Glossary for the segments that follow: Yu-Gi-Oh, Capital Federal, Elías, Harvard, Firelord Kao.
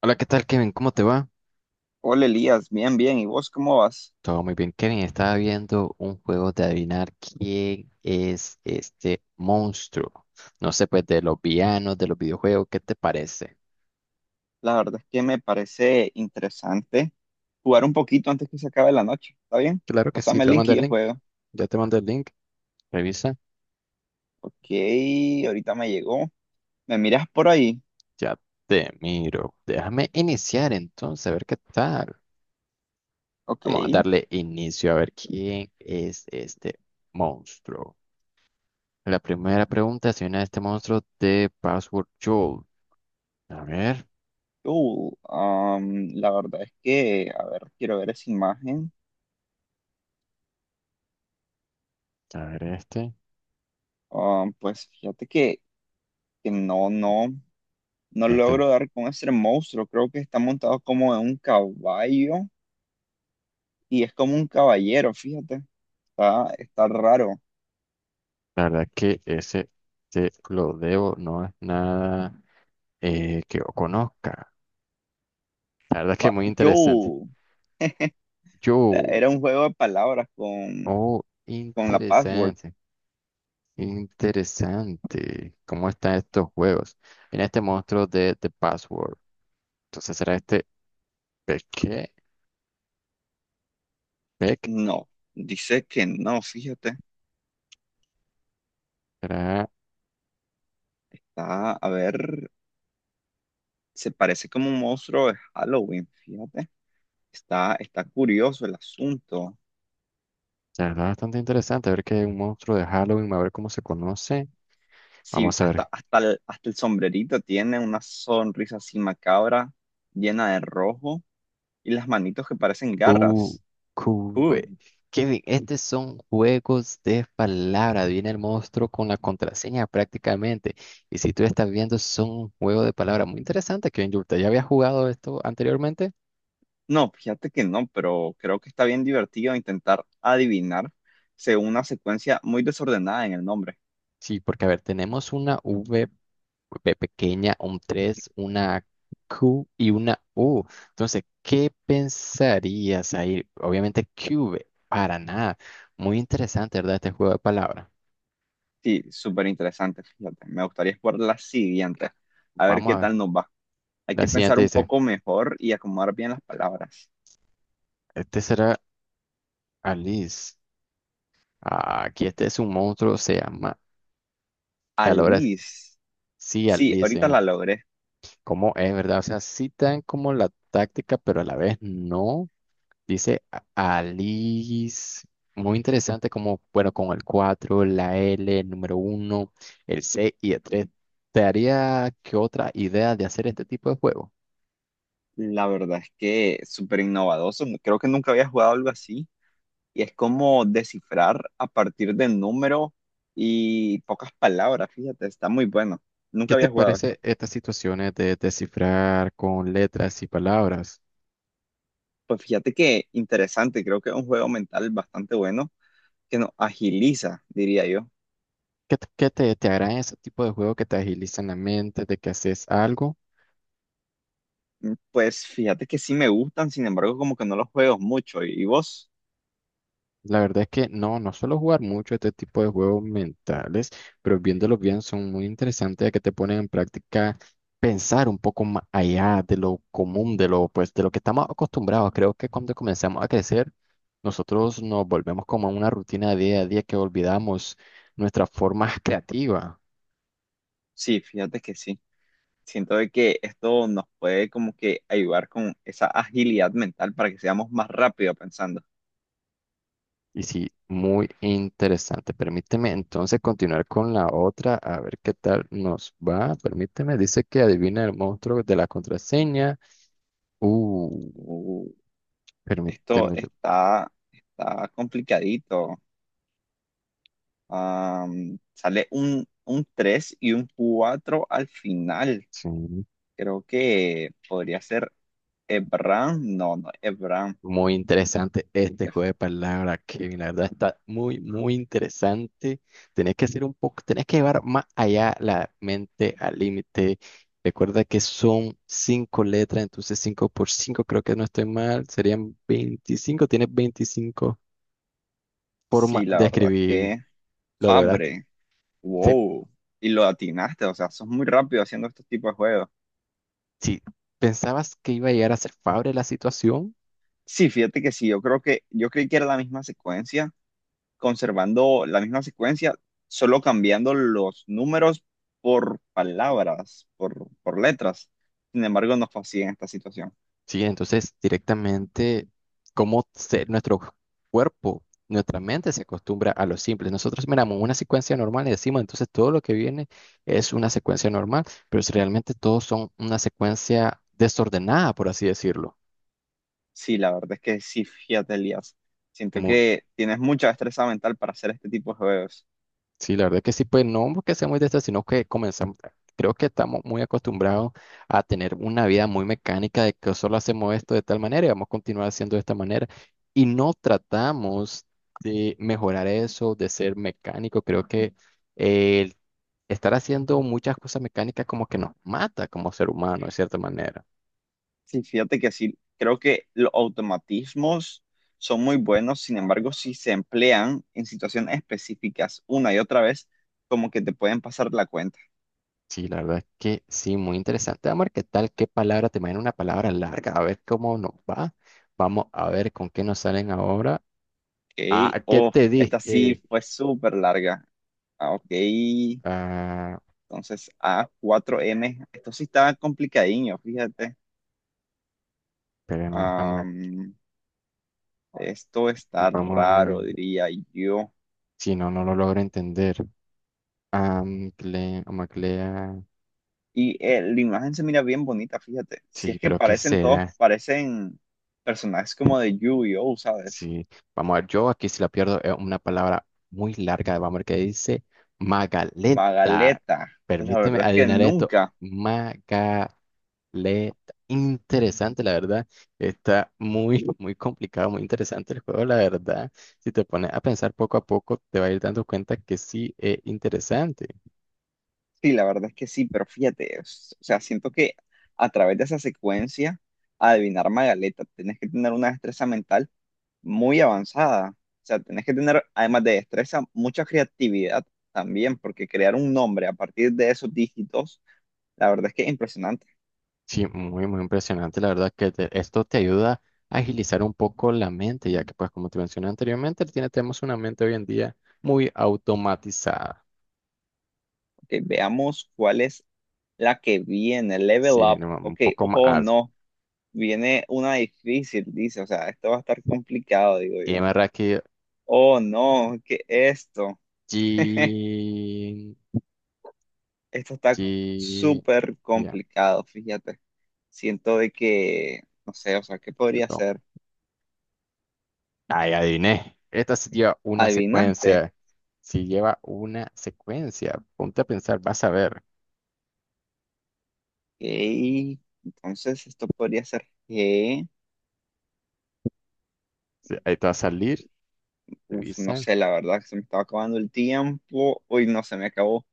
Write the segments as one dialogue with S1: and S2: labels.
S1: Hola, ¿qué tal, Kevin? ¿Cómo te va?
S2: Hola Elías, bien, bien. ¿Y vos cómo vas?
S1: Todo muy bien, Kevin. Estaba viendo un juego de adivinar quién es este monstruo. No sé, pues de los villanos, de los videojuegos, ¿qué te parece?
S2: La verdad es que me parece interesante jugar un poquito antes que se acabe la noche. ¿Está bien?
S1: Claro que sí,
S2: Pásame el
S1: te voy a
S2: link y
S1: mandar el
S2: yo
S1: link.
S2: juego.
S1: Ya te mandé el link. Revisa.
S2: Ok, ahorita me llegó. ¿Me miras por ahí?
S1: Ya te miro. Déjame iniciar entonces, a ver qué tal.
S2: Ok.
S1: Vamos a darle inicio a ver quién es este monstruo. La primera pregunta es si viene este monstruo de Password Joel. A ver,
S2: La verdad es que, a ver, quiero ver esa imagen.
S1: a ver este.
S2: Pues fíjate que no
S1: Este.
S2: logro dar con ese monstruo. Creo que está montado como en un caballo y es como un caballero, fíjate. Está raro.
S1: La verdad que ese te lo debo, no es nada que yo conozca. La verdad que muy
S2: Yo.
S1: interesante. Yo,
S2: Era un juego de palabras
S1: oh,
S2: con la password.
S1: interesante, interesante. ¿Cómo están estos juegos? Mira este monstruo de The Password. Entonces será este Peque, Peck.
S2: No, dice que no, fíjate.
S1: Será,
S2: Está, a ver, se parece como un monstruo de Halloween, fíjate. Está curioso el asunto.
S1: la verdad, bastante interesante. A ver que es un monstruo de Halloween, a ver cómo se conoce.
S2: Sí,
S1: Vamos a ver.
S2: hasta el sombrerito tiene una sonrisa así macabra, llena de rojo, y las manitos que parecen
S1: U,
S2: garras. Uh,
S1: QV. Kevin, estos son juegos de palabras. Viene el monstruo con la contraseña prácticamente. Y si tú estás viendo, son un juego de palabras muy interesante, Kevin. ¿Usted ya había jugado esto anteriormente?
S2: no, fíjate que no, pero creo que está bien divertido intentar adivinar según una secuencia muy desordenada en el nombre.
S1: Sí, porque a ver, tenemos una V pequeña, un 3, una Q y una U. Entonces, ¿qué pensarías ahí? Obviamente, QV, para nada. Muy interesante, ¿verdad? Este juego de palabras.
S2: Sí, súper interesante, fíjate. Me gustaría explorar la siguiente. A ver
S1: Vamos
S2: qué
S1: a ver.
S2: tal nos va. Hay
S1: La
S2: que pensar
S1: siguiente
S2: un
S1: dice.
S2: poco mejor y acomodar bien las palabras.
S1: Este será. Alice, ah, aquí este es un monstruo, se llama Talores.
S2: Alice.
S1: Sí,
S2: Sí,
S1: Alice,
S2: ahorita
S1: ¿eh?
S2: la logré.
S1: ¿Cómo es, verdad? O sea, sí te como la táctica, pero a la vez no. Dice Alice, muy interesante, como, bueno, con el 4, la L, el número uno, el C y el 3. ¿Te haría qué otra idea de hacer este tipo de juego?
S2: La verdad es que súper innovadoso. Creo que nunca había jugado algo así. Y es como descifrar a partir de número y pocas palabras, fíjate. Está muy bueno.
S1: ¿Qué
S2: Nunca
S1: te
S2: había jugado esto.
S1: parece estas situaciones de descifrar con letras y palabras?
S2: Pues fíjate que interesante. Creo que es un juego mental bastante bueno que nos agiliza, diría yo.
S1: ¿Qué, qué te agradan ese tipo de juegos que te agilizan la mente, de que haces algo?
S2: Pues fíjate que sí me gustan, sin embargo, como que no los juego mucho. ¿Y vos?
S1: La verdad es que no, no suelo jugar mucho este tipo de juegos mentales, pero viéndolos bien son muy interesantes, ya que te ponen en práctica pensar un poco más allá de lo común, de lo, pues, de lo que estamos acostumbrados. Creo que cuando comenzamos a crecer, nosotros nos volvemos como a una rutina día a día que olvidamos nuestra forma creativa.
S2: Sí, fíjate que sí. Siento de que esto nos puede como que ayudar con esa agilidad mental para que seamos más rápido pensando.
S1: Y sí, muy interesante. Permíteme entonces continuar con la otra, a ver qué tal nos va. Permíteme, dice que adivina el monstruo de la contraseña. Uh,
S2: Uh, esto
S1: permíteme.
S2: está complicadito. Sale un 3 y un 4 al final.
S1: Sí,
S2: Creo que podría ser Ebram. No, no, Ebram.
S1: muy interesante este
S2: Ef-
S1: juego de palabras, Kevin. La verdad está muy interesante. Tenés que hacer un poco, tenés que llevar más allá la mente al límite. Recuerda que son cinco letras, entonces cinco por cinco, creo que no estoy mal, serían 25. Tienes veinticinco forma
S2: Sí, la
S1: de
S2: verdad es
S1: escribir
S2: que
S1: lo lograste.
S2: Fabre.
S1: Se-
S2: Wow, y lo atinaste, o sea, sos muy rápido haciendo estos tipos de juegos.
S1: Si, pensabas que iba a llegar a ser favorable la situación,
S2: Sí, fíjate que sí, yo creo que yo creí que era la misma secuencia, conservando la misma secuencia, solo cambiando los números por palabras, por letras. Sin embargo, no fue así en esta situación.
S1: sí, entonces directamente cómo nuestro cuerpo, nuestra mente se acostumbra a lo simple. Nosotros miramos una secuencia normal y decimos, entonces todo lo que viene es una secuencia normal, pero si realmente todos son una secuencia desordenada, por así decirlo.
S2: Sí, la verdad es que sí, fíjate, Elías. Siento
S1: Mu-
S2: que tienes mucha destreza mental para hacer este tipo de juegos.
S1: Sí, la verdad que sí, pues no porque seamos de estas, sino que comenzamos, creo que estamos muy acostumbrados a tener una vida muy mecánica de que solo hacemos esto de tal manera y vamos a continuar haciendo de esta manera. Y no tratamos de mejorar eso, de ser mecánico. Creo que el estar haciendo muchas cosas mecánicas como que nos mata como ser humano, de cierta manera.
S2: Sí, fíjate que sí, creo que los automatismos son muy buenos, sin embargo, si se emplean en situaciones específicas una y otra vez, como que te pueden pasar la cuenta,
S1: Sí, la verdad que sí, muy interesante. Vamos a ver qué tal, qué palabra, te imagino una palabra larga, a ver cómo nos va. Vamos a ver con qué nos salen ahora.
S2: ¿ok?
S1: Ah, ¿qué
S2: Oh,
S1: te
S2: esta
S1: dije?
S2: sí fue súper larga, ah, ok,
S1: Ah,
S2: entonces a cuatro m esto sí está complicadiño, fíjate.
S1: espérame, vamos,
S2: Am, esto está
S1: vamos a-
S2: raro, diría yo.
S1: si no, no lo logro entender. Amcle, amaclea,
S2: La imagen se mira bien bonita, fíjate. Si
S1: sí,
S2: es que
S1: pero ¿qué
S2: parecen todos,
S1: será?
S2: parecen personajes como de Yu-Gi-Oh, ¿sabes?
S1: Sí, vamos a ver, yo aquí si la pierdo es una palabra muy larga, vamos a ver qué dice. Magaleta,
S2: Magaleta. La
S1: permíteme
S2: verdad es que
S1: adivinar esto.
S2: nunca.
S1: Magaleta. Le interesante, la verdad. Está muy complicado, muy interesante el juego, la verdad. Si te pones a pensar poco a poco, te vas a ir dando cuenta que sí es interesante.
S2: Sí, la verdad es que sí, pero fíjate, es- o sea, siento que a través de esa secuencia, adivinar Magaleta, tenés que tener una destreza mental muy avanzada. O sea, tenés que tener, además de destreza, mucha creatividad también, porque crear un nombre a partir de esos dígitos, la verdad es que es impresionante.
S1: Sí, muy impresionante, la verdad, que esto te ayuda a agilizar un poco la mente, ya que, pues, como te mencioné anteriormente, tenemos una mente hoy en día muy automatizada.
S2: Ok, veamos cuál es la que viene. Level
S1: Sí,
S2: up.
S1: no, un
S2: Ok,
S1: poco más
S2: ojo,
S1: alta.
S2: no. Viene una difícil, dice. O sea, esto va a estar complicado, digo
S1: Y
S2: yo.
S1: en verdad que
S2: Oh, no, ¿qué es esto?
S1: G,
S2: Esto está
S1: G,
S2: súper
S1: ya,
S2: complicado, fíjate. Siento de que, no sé, o sea, ¿qué podría ser?
S1: ay, adiviné. Esta sí lleva una
S2: ¿Adivinaste?
S1: secuencia. Si lleva una secuencia, ponte a pensar, vas a ver.
S2: Ok, entonces esto podría ser que,
S1: Sí, ahí te va a salir,
S2: uf, no
S1: revisa,
S2: sé, la verdad que se me estaba acabando el tiempo. Uy, no, se me acabó.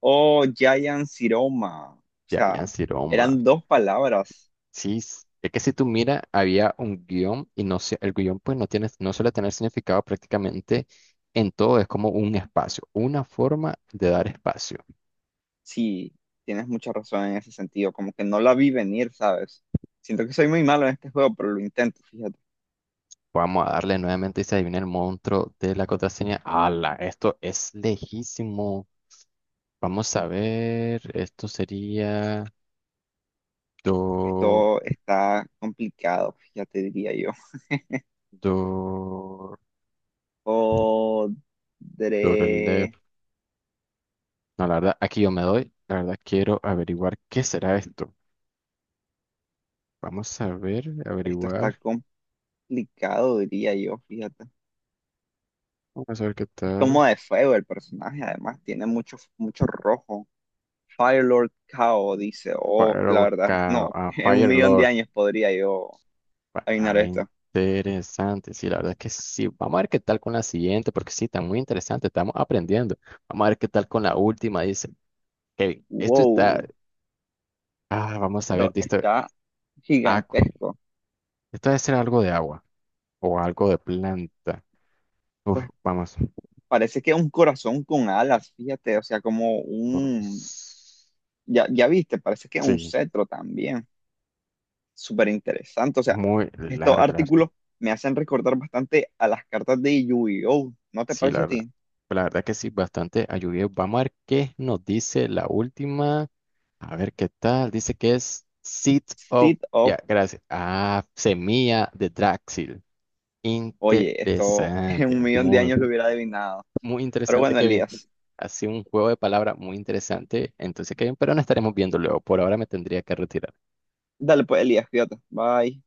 S2: O Giant Ciroma. O
S1: ya,
S2: sea,
S1: Siroma.
S2: eran dos palabras.
S1: Sí, es que si tú miras, había un guión y no sé, el guión pues no tiene, no suele tener significado prácticamente en todo, es como un espacio, una forma de dar espacio.
S2: Sí, tienes mucha razón en ese sentido. Como que no la vi venir, ¿sabes? Siento que soy muy malo en este juego, pero lo intento, fíjate.
S1: Vamos a darle nuevamente y se adivina el monstruo de la contraseña. ¡Hala! Esto es lejísimo. Vamos a ver, esto sería. Do,
S2: Esto está complicado, fíjate, diría yo.
S1: do,
S2: Podré...
S1: Dorolev. No, la verdad, aquí yo me doy. La verdad, quiero averiguar qué será esto. Vamos a ver,
S2: Esto está
S1: averiguar.
S2: complicado, diría yo, fíjate.
S1: Vamos a ver qué
S2: Es
S1: tal.
S2: como de fuego el personaje, además. Tiene mucho, mucho rojo. Firelord Kao dice, oh, la
S1: Firewall,
S2: verdad, no,
S1: ah,
S2: en un
S1: Fire
S2: millón de
S1: Lord.
S2: años podría yo adivinar
S1: Ah,
S2: esto.
S1: interesante. Sí, la verdad que sí. Vamos a ver qué tal con la siguiente, porque sí, está muy interesante. Estamos aprendiendo. Vamos a ver qué tal con la última. Dice, Kevin, esto está.
S2: Wow,
S1: Ah, vamos a ver,
S2: esto
S1: dice,
S2: está
S1: Aqua.
S2: gigantesco.
S1: Esto debe ser algo de agua o algo de planta. Uf,
S2: Pues
S1: vamos.
S2: parece que es un corazón con alas, fíjate, o sea, como un,
S1: Pues,
S2: ya, ya viste, parece que es un
S1: sí,
S2: cetro también. Súper interesante, o sea,
S1: muy
S2: estos
S1: largo, la verdad.
S2: artículos me hacen recordar bastante a las cartas de Yu-Gi-Oh! ¿No te
S1: Sí, la
S2: parece a
S1: verdad.
S2: ti?
S1: Pues, la verdad que sí, bastante ayudado. Vamos a ver qué nos dice la última. A ver qué tal. Dice que es Seed of.
S2: Seed of,
S1: Ya, gracias. Ah, semilla de Draxil.
S2: oye, esto en un
S1: Interesante.
S2: millón de
S1: Muy,
S2: años lo hubiera adivinado.
S1: muy
S2: Pero
S1: interesante,
S2: bueno,
S1: Kevin.
S2: Elías,
S1: Ha sido un juego de palabras muy interesante. Entonces, Kevin, pero no estaremos viendo luego. Por ahora me tendría que retirar.
S2: dale pues, Elías, fíjate, bye.